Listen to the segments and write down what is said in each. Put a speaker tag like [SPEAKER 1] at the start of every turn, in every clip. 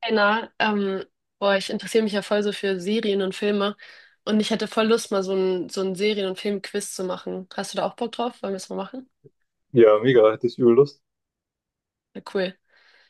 [SPEAKER 1] Einer, boah, ich interessiere mich ja voll so für Serien und Filme und ich hätte voll Lust, mal so ein Serien- und Film-Quiz zu machen. Hast du da auch Bock drauf? Wollen wir es mal machen?
[SPEAKER 2] Ja, mega, hätte ich übel Lust.
[SPEAKER 1] Ja, cool.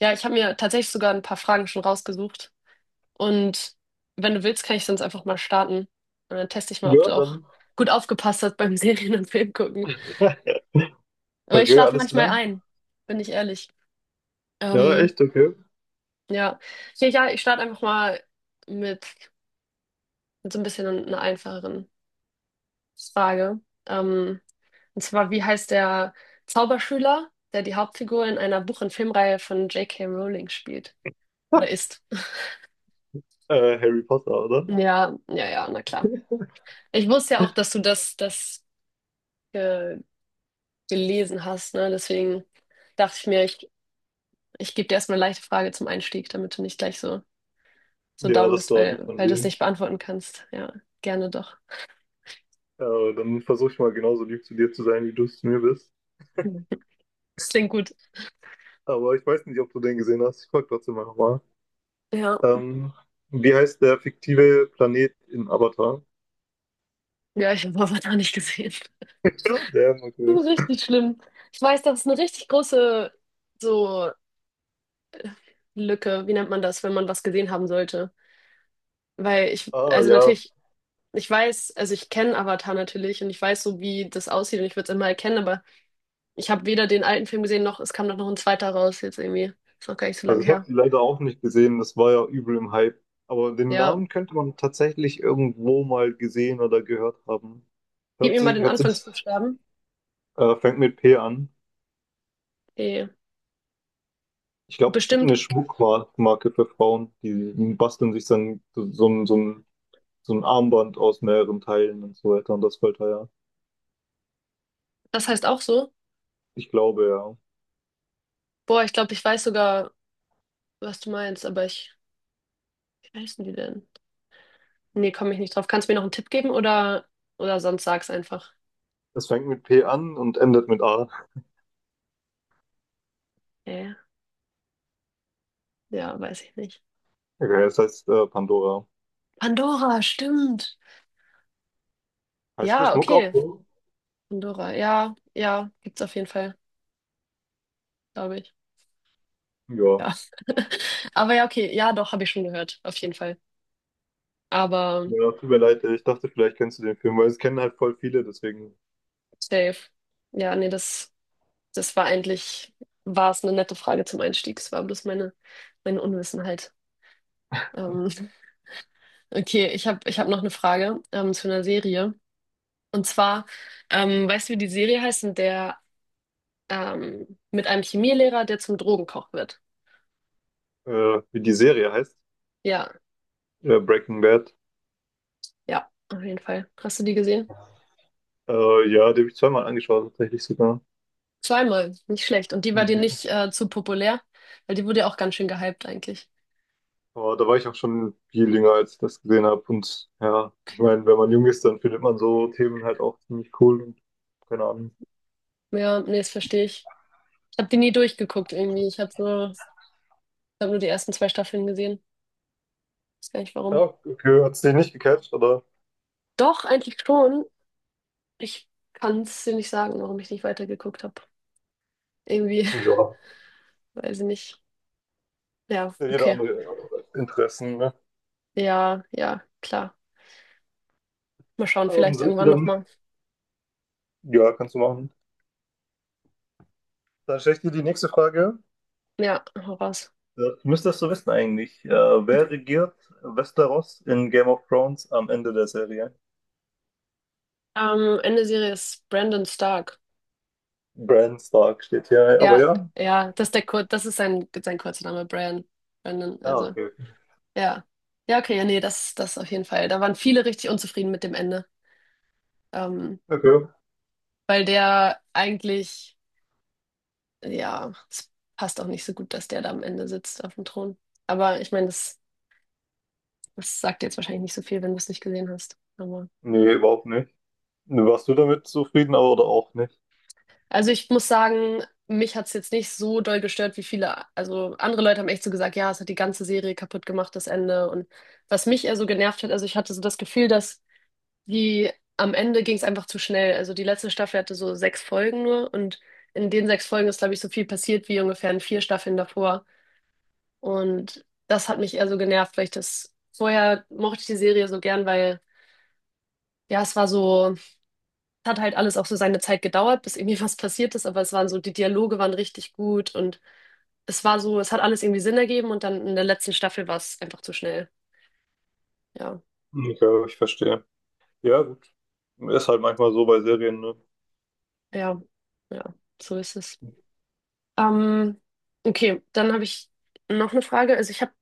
[SPEAKER 1] Ja, ich habe mir tatsächlich sogar ein paar Fragen schon rausgesucht und wenn du willst, kann ich sonst einfach mal starten und dann teste ich mal, ob
[SPEAKER 2] Ja,
[SPEAKER 1] du auch
[SPEAKER 2] dann.
[SPEAKER 1] gut aufgepasst hast beim Serien- und Film gucken. Aber ich
[SPEAKER 2] Okay,
[SPEAKER 1] schlafe
[SPEAKER 2] alles
[SPEAKER 1] manchmal
[SPEAKER 2] klar.
[SPEAKER 1] ein, bin ich ehrlich.
[SPEAKER 2] Ja,
[SPEAKER 1] Ähm,
[SPEAKER 2] echt, okay.
[SPEAKER 1] ja. Ja, ich starte einfach mal mit, mit so ein bisschen einer einfacheren Frage. Ähm, Und zwar, wie heißt der Zauberschüler, der die Hauptfigur in einer Buch- und Filmreihe von J.K. Rowling spielt? Oder ist?
[SPEAKER 2] Harry Potter, oder?
[SPEAKER 1] Ja, na klar. Ich wusste ja auch, dass du das äh, gelesen hast, ne? Deswegen dachte ich mir, ich gebe dir erstmal eine leichte Frage zum Einstieg, damit du nicht gleich so
[SPEAKER 2] Ja,
[SPEAKER 1] down
[SPEAKER 2] das
[SPEAKER 1] bist,
[SPEAKER 2] war lieb von
[SPEAKER 1] weil du es
[SPEAKER 2] dir.
[SPEAKER 1] nicht beantworten kannst. Ja, gerne doch.
[SPEAKER 2] Dann versuche ich mal genauso lieb zu dir zu sein, wie du es zu mir bist.
[SPEAKER 1] Mhm. Das klingt gut.
[SPEAKER 2] Aber ich weiß nicht, ob du den gesehen hast. Ich frage trotzdem mal nochmal.
[SPEAKER 1] Ja,
[SPEAKER 2] Ähm, wie heißt der fiktive Planet in Avatar?
[SPEAKER 1] ja, ich habe Avatar nicht gesehen.
[SPEAKER 2] Ja, der,
[SPEAKER 1] Das
[SPEAKER 2] okay.
[SPEAKER 1] ist richtig schlimm. Ich weiß, dass es eine richtig große so Lücke, wie nennt man das, wenn man was gesehen haben sollte? Weil ich,
[SPEAKER 2] Ah,
[SPEAKER 1] also
[SPEAKER 2] ja.
[SPEAKER 1] natürlich, ich weiß, also ich kenne Avatar natürlich und ich weiß so, wie das aussieht und ich würde es immer erkennen, aber ich habe weder den alten Film gesehen, noch es kam doch noch ein zweiter raus jetzt irgendwie. Ist noch gar nicht so
[SPEAKER 2] Also
[SPEAKER 1] lange
[SPEAKER 2] ich habe
[SPEAKER 1] her.
[SPEAKER 2] die leider auch nicht gesehen. Das war ja übel im Hype. Aber den
[SPEAKER 1] Ja,
[SPEAKER 2] Namen könnte man tatsächlich irgendwo mal gesehen oder gehört haben.
[SPEAKER 1] gib
[SPEAKER 2] Hört
[SPEAKER 1] mir mal
[SPEAKER 2] sich,
[SPEAKER 1] den
[SPEAKER 2] hört sich,
[SPEAKER 1] Anfangsbuchstaben.
[SPEAKER 2] fängt mit P an.
[SPEAKER 1] Okay.
[SPEAKER 2] Ich glaube, es gibt
[SPEAKER 1] Bestimmt,
[SPEAKER 2] eine Schmuckmarke für Frauen, die basteln sich dann so, so, so ein Armband aus mehreren Teilen und so weiter und das fällt da ja.
[SPEAKER 1] das heißt auch so.
[SPEAKER 2] Ich glaube ja.
[SPEAKER 1] Boah, ich glaube, ich weiß sogar, was du meinst, wie heißen die denn? Nee, komme ich nicht drauf. Kannst du mir noch einen Tipp geben oder sonst sag's einfach.
[SPEAKER 2] Es fängt mit P an und endet mit A.
[SPEAKER 1] Äh, ja, weiß ich nicht.
[SPEAKER 2] Okay, das heißt Pandora.
[SPEAKER 1] Pandora, stimmt.
[SPEAKER 2] Heißt der
[SPEAKER 1] Ja,
[SPEAKER 2] Schmuck auch
[SPEAKER 1] okay.
[SPEAKER 2] so?
[SPEAKER 1] Pandora. Ja, ja, gibt's auf jeden Fall, glaube ich.
[SPEAKER 2] Ja.
[SPEAKER 1] Ja. Aber ja, okay. Ja, doch, habe ich schon gehört. Auf jeden Fall. Aber
[SPEAKER 2] Ja, tut mir leid, ich dachte, vielleicht kennst du den Film, weil es kennen halt voll viele, deswegen,
[SPEAKER 1] safe. Ja, nee, das war eigentlich, war es eine nette Frage zum Einstieg. Es war bloß meine Unwissenheit. Ähm, okay, ich hab noch eine Frage, zu einer Serie. Und zwar, weißt du, wie die Serie heißt, in der mit einem Chemielehrer, der zum Drogenkoch wird?
[SPEAKER 2] wie die Serie heißt,
[SPEAKER 1] Ja,
[SPEAKER 2] Breaking Bad.
[SPEAKER 1] ja, auf jeden Fall. Hast du die gesehen?
[SPEAKER 2] Ja, die habe ich zweimal angeschaut, tatsächlich sogar.
[SPEAKER 1] Zweimal, nicht schlecht. Und die war dir nicht zu populär, weil die wurde ja auch ganz schön gehypt eigentlich.
[SPEAKER 2] Aber da war ich auch schon viel jünger, als ich das gesehen habe. Und ja, ich
[SPEAKER 1] Okay.
[SPEAKER 2] meine, wenn man jung ist, dann findet man so Themen halt auch ziemlich cool und keine Ahnung.
[SPEAKER 1] Ja, nee, das verstehe ich. Ich habe die nie durchgeguckt irgendwie. Ich habe nur die ersten zwei Staffeln gesehen. Weiß gar nicht warum.
[SPEAKER 2] Ja, okay, hat's dich nicht gecatcht, oder?
[SPEAKER 1] Doch, eigentlich schon. Ich kann es dir nicht sagen, warum ich nicht weitergeguckt habe. Irgendwie,
[SPEAKER 2] Ja,
[SPEAKER 1] weiß ich nicht. Ja,
[SPEAKER 2] ja, jeder
[SPEAKER 1] okay.
[SPEAKER 2] andere Interessen, ne?
[SPEAKER 1] Ja, ja, klar. Mal schauen,
[SPEAKER 2] Ähm,
[SPEAKER 1] vielleicht
[SPEAKER 2] soll ich die
[SPEAKER 1] irgendwann
[SPEAKER 2] dann?
[SPEAKER 1] nochmal.
[SPEAKER 2] Ja, kannst du machen. Dann stelle ich dir die nächste Frage.
[SPEAKER 1] Ja, hau raus.
[SPEAKER 2] Ja, du müsstest so wissen eigentlich. Wer regiert Westeros in Game of Thrones am Ende der Serie?
[SPEAKER 1] Ende Serie ist Brandon Stark.
[SPEAKER 2] Bran Stark steht hier, aber
[SPEAKER 1] Ja,
[SPEAKER 2] ja.
[SPEAKER 1] ja, das ist der Kur das ist sein kurzer Name, Brian Brandon,
[SPEAKER 2] Ja,
[SPEAKER 1] also,
[SPEAKER 2] okay.
[SPEAKER 1] ja. Ja, okay, ja, nee, das auf jeden Fall. Da waren viele richtig unzufrieden mit dem Ende. Ähm,
[SPEAKER 2] Okay.
[SPEAKER 1] weil der eigentlich, ja, es passt auch nicht so gut, dass der da am Ende sitzt auf dem Thron. Aber ich meine, das sagt jetzt wahrscheinlich nicht so viel, wenn du es nicht gesehen hast. Aber,
[SPEAKER 2] Nee, überhaupt nicht. Warst du damit zufrieden, aber oder auch nicht?
[SPEAKER 1] also ich muss sagen, mich hat es jetzt nicht so doll gestört wie viele. Also andere Leute haben echt so gesagt, ja, es hat die ganze Serie kaputt gemacht, das Ende. Und was mich eher so genervt hat, also ich hatte so das Gefühl, dass Die, am Ende ging es einfach zu schnell. Also die letzte Staffel hatte so sechs Folgen nur und in den sechs Folgen ist, glaube ich, so viel passiert wie ungefähr in vier Staffeln davor. Und das hat mich eher so genervt, weil ich das vorher mochte ich die Serie so gern, weil ja, es hat halt alles auch so seine Zeit gedauert, bis irgendwie was passiert ist, aber die Dialoge waren richtig gut und es hat alles irgendwie Sinn ergeben und dann in der letzten Staffel war es einfach zu schnell. Ja,
[SPEAKER 2] Ja, ich verstehe. Ja, gut. Ist halt manchmal so bei Serien, ne?
[SPEAKER 1] ja, ja, so ist es. Ähm, okay, dann habe ich noch eine Frage.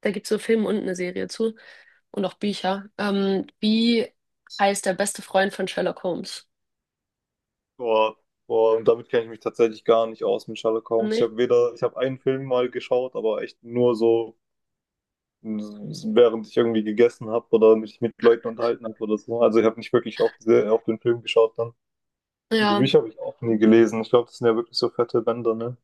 [SPEAKER 1] Da gibt es so Filme und eine Serie zu und auch Bücher. Wie heißt der beste Freund von Sherlock Holmes?
[SPEAKER 2] Boah, boah, und damit kenne ich mich tatsächlich gar nicht aus mit Sherlock Holmes. Ich
[SPEAKER 1] Nee?
[SPEAKER 2] habe weder, ich habe einen Film mal geschaut, aber echt nur so, hm, während ich irgendwie gegessen habe oder mich mit Leuten unterhalten habe oder so. Also ich habe nicht wirklich auf, sehr, auf den Film geschaut dann. Und die
[SPEAKER 1] Ja,
[SPEAKER 2] Bücher habe ich auch nie gelesen. Ich glaube, das sind ja wirklich so fette Bänder, ne?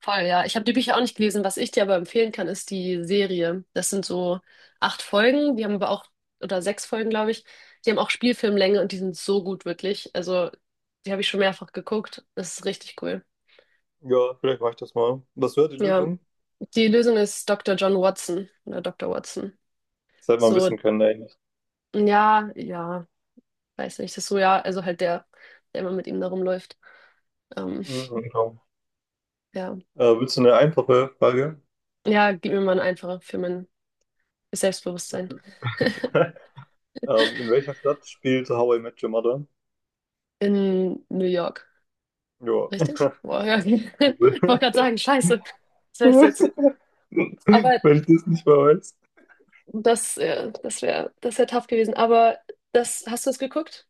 [SPEAKER 1] voll, ja. Ich habe die Bücher auch nicht gelesen. Was ich dir aber empfehlen kann, ist die Serie. Das sind so acht Folgen, die haben aber auch, oder sechs Folgen, glaube ich. Die haben auch Spielfilmlänge und die sind so gut, wirklich. Also, die habe ich schon mehrfach geguckt. Das ist richtig cool.
[SPEAKER 2] Ja, vielleicht mache ich das mal. Das wäre die
[SPEAKER 1] Ja,
[SPEAKER 2] Lösung.
[SPEAKER 1] die Lösung ist Dr. John Watson oder Dr. Watson.
[SPEAKER 2] Das hätte man
[SPEAKER 1] So
[SPEAKER 2] wissen können eigentlich.
[SPEAKER 1] Ja, weiß nicht, das ist so, ja, also halt der immer mit ihm da rumläuft. Ähm,
[SPEAKER 2] Mhm.
[SPEAKER 1] ja.
[SPEAKER 2] Willst du eine einfache Frage?
[SPEAKER 1] Ja, gib mir mal einen einfacher für mein Selbstbewusstsein.
[SPEAKER 2] In welcher Stadt spielt How I Met Your Mother?
[SPEAKER 1] In New York,
[SPEAKER 2] Ja.
[SPEAKER 1] richtig? Boah, ja. Ich wollte gerade sagen, scheiße, das wär's jetzt.
[SPEAKER 2] Wenn ich
[SPEAKER 1] Aber
[SPEAKER 2] das nicht mehr weiß.
[SPEAKER 1] das wäre tough gewesen. Aber das, hast du das geguckt?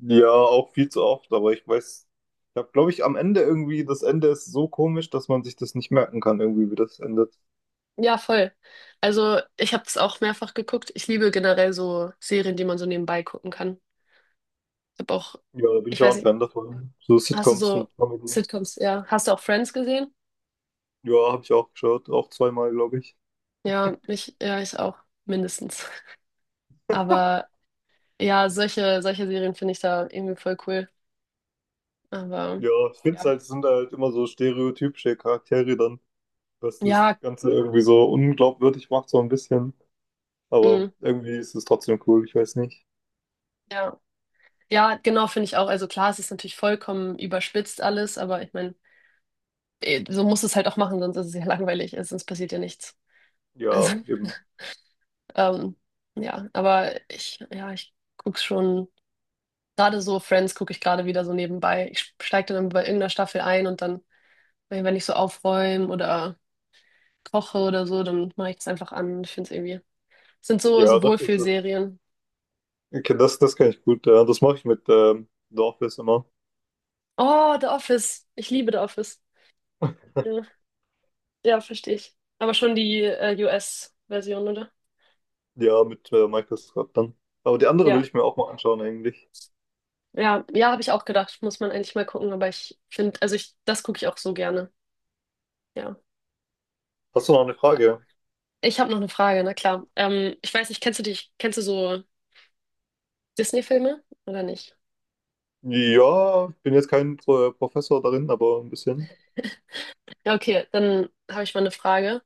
[SPEAKER 2] Ja, auch viel zu oft, aber ich weiß, ich habe, glaube ich, am Ende irgendwie, das Ende ist so komisch, dass man sich das nicht merken kann, irgendwie, wie das endet.
[SPEAKER 1] Ja, voll. Also ich habe das auch mehrfach geguckt. Ich liebe generell so Serien, die man so nebenbei gucken kann. Ich habe auch,
[SPEAKER 2] Ja, da bin
[SPEAKER 1] ich
[SPEAKER 2] ich auch
[SPEAKER 1] weiß
[SPEAKER 2] ein
[SPEAKER 1] nicht,
[SPEAKER 2] Fan davon. So
[SPEAKER 1] Hast du
[SPEAKER 2] Sitcoms
[SPEAKER 1] so
[SPEAKER 2] und Comedy.
[SPEAKER 1] Sitcoms, ja. Hast du auch Friends gesehen?
[SPEAKER 2] Ja, habe ich auch geschaut, auch zweimal, glaube ich.
[SPEAKER 1] Ich auch, mindestens. Aber ja, solche Serien finde ich da irgendwie voll cool. Aber
[SPEAKER 2] Ja, ich finde es
[SPEAKER 1] ja.
[SPEAKER 2] halt, es sind halt immer so stereotypische Charaktere dann, was das
[SPEAKER 1] Ja,
[SPEAKER 2] Ganze irgendwie so unglaubwürdig macht, so ein bisschen. Aber
[SPEAKER 1] mm,
[SPEAKER 2] irgendwie ist es trotzdem cool, ich weiß nicht.
[SPEAKER 1] ja. Ja, genau, finde ich auch. Also klar, es ist natürlich vollkommen überspitzt alles, aber ich meine, eh, so muss es halt auch machen, sonst ist es ja langweilig, also sonst passiert ja nichts. Also,
[SPEAKER 2] Ja, eben.
[SPEAKER 1] ähm, ja, ich guck's schon. Gerade so Friends gucke ich gerade wieder so nebenbei. Ich steige dann bei irgendeiner Staffel ein und dann weil wenn ich so aufräume oder koche oder so, dann mache ich das einfach an. Ich finde es irgendwie. Es sind
[SPEAKER 2] Ja,
[SPEAKER 1] so
[SPEAKER 2] das ist es.
[SPEAKER 1] Wohlfühlserien.
[SPEAKER 2] Okay, das, das kann ich gut. Ja, das mache ich mit The Office immer.
[SPEAKER 1] Oh, The Office. Ich liebe The Office. Ja, ja, verstehe ich. Aber schon die US-Version, oder?
[SPEAKER 2] Ja, mit Microsoft dann. Aber die andere will
[SPEAKER 1] Ja.
[SPEAKER 2] ich mir auch mal anschauen eigentlich.
[SPEAKER 1] Ja, habe ich auch gedacht. Muss man eigentlich mal gucken, aber ich finde, das gucke ich auch so gerne. Ja.
[SPEAKER 2] Hast du noch eine Frage?
[SPEAKER 1] Ich habe noch eine Frage, na klar. Ich weiß nicht, kennst du so Disney-Filme oder nicht?
[SPEAKER 2] Ja, ich bin jetzt kein Pro Professor darin, aber ein bisschen.
[SPEAKER 1] Ja, okay, dann habe ich mal eine Frage.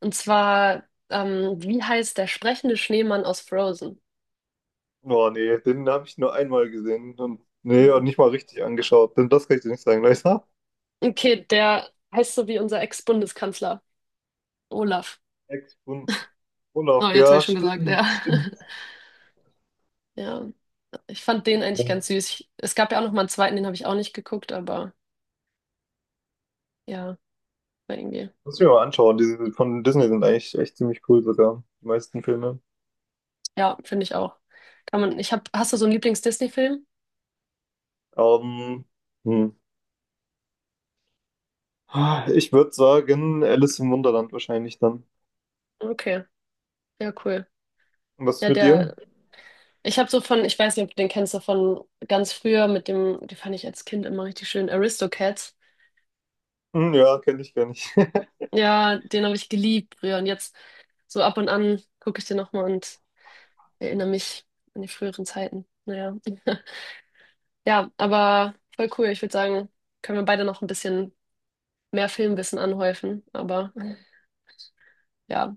[SPEAKER 1] Und zwar, wie heißt der sprechende Schneemann aus Frozen?
[SPEAKER 2] Oh nee, den habe ich nur einmal gesehen und nee, und
[SPEAKER 1] Ja.
[SPEAKER 2] nicht mal richtig angeschaut. Denn das kann ich dir nicht sagen, leider.
[SPEAKER 1] Okay, der heißt so wie unser Ex-Bundeskanzler Olaf.
[SPEAKER 2] Ex-Bund. Olaf,
[SPEAKER 1] Oh, jetzt habe
[SPEAKER 2] ja,
[SPEAKER 1] ich schon gesagt,
[SPEAKER 2] stimmt,
[SPEAKER 1] ja.
[SPEAKER 2] stimmt.
[SPEAKER 1] Ja, ich fand den eigentlich ganz süß. Es gab ja auch noch mal einen zweiten, den habe ich auch nicht geguckt, aber ja, war irgendwie.
[SPEAKER 2] Muss ich mir mal anschauen. Diese von Disney sind eigentlich echt ziemlich cool sogar, die meisten Filme.
[SPEAKER 1] Ja, finde ich auch. Kann man, hast du so einen Lieblings-Disney-Film?
[SPEAKER 2] Ähm, hm. Ich würde sagen, Alice im Wunderland wahrscheinlich dann.
[SPEAKER 1] Okay, ja, cool.
[SPEAKER 2] Und was ist
[SPEAKER 1] Ja,
[SPEAKER 2] mit dir?
[SPEAKER 1] der Ich habe so von, ich weiß nicht, ob du den kennst, so von ganz früher mit dem, die fand ich als Kind immer richtig schön, Aristocats.
[SPEAKER 2] Hm, ja, kenne ich gar nicht.
[SPEAKER 1] Ja, den habe ich geliebt früher und jetzt so ab und an gucke ich den nochmal und erinnere mich an die früheren Zeiten. Naja. Ja, aber voll cool. Ich würde sagen, können wir beide noch ein bisschen mehr Filmwissen anhäufen, aber ja.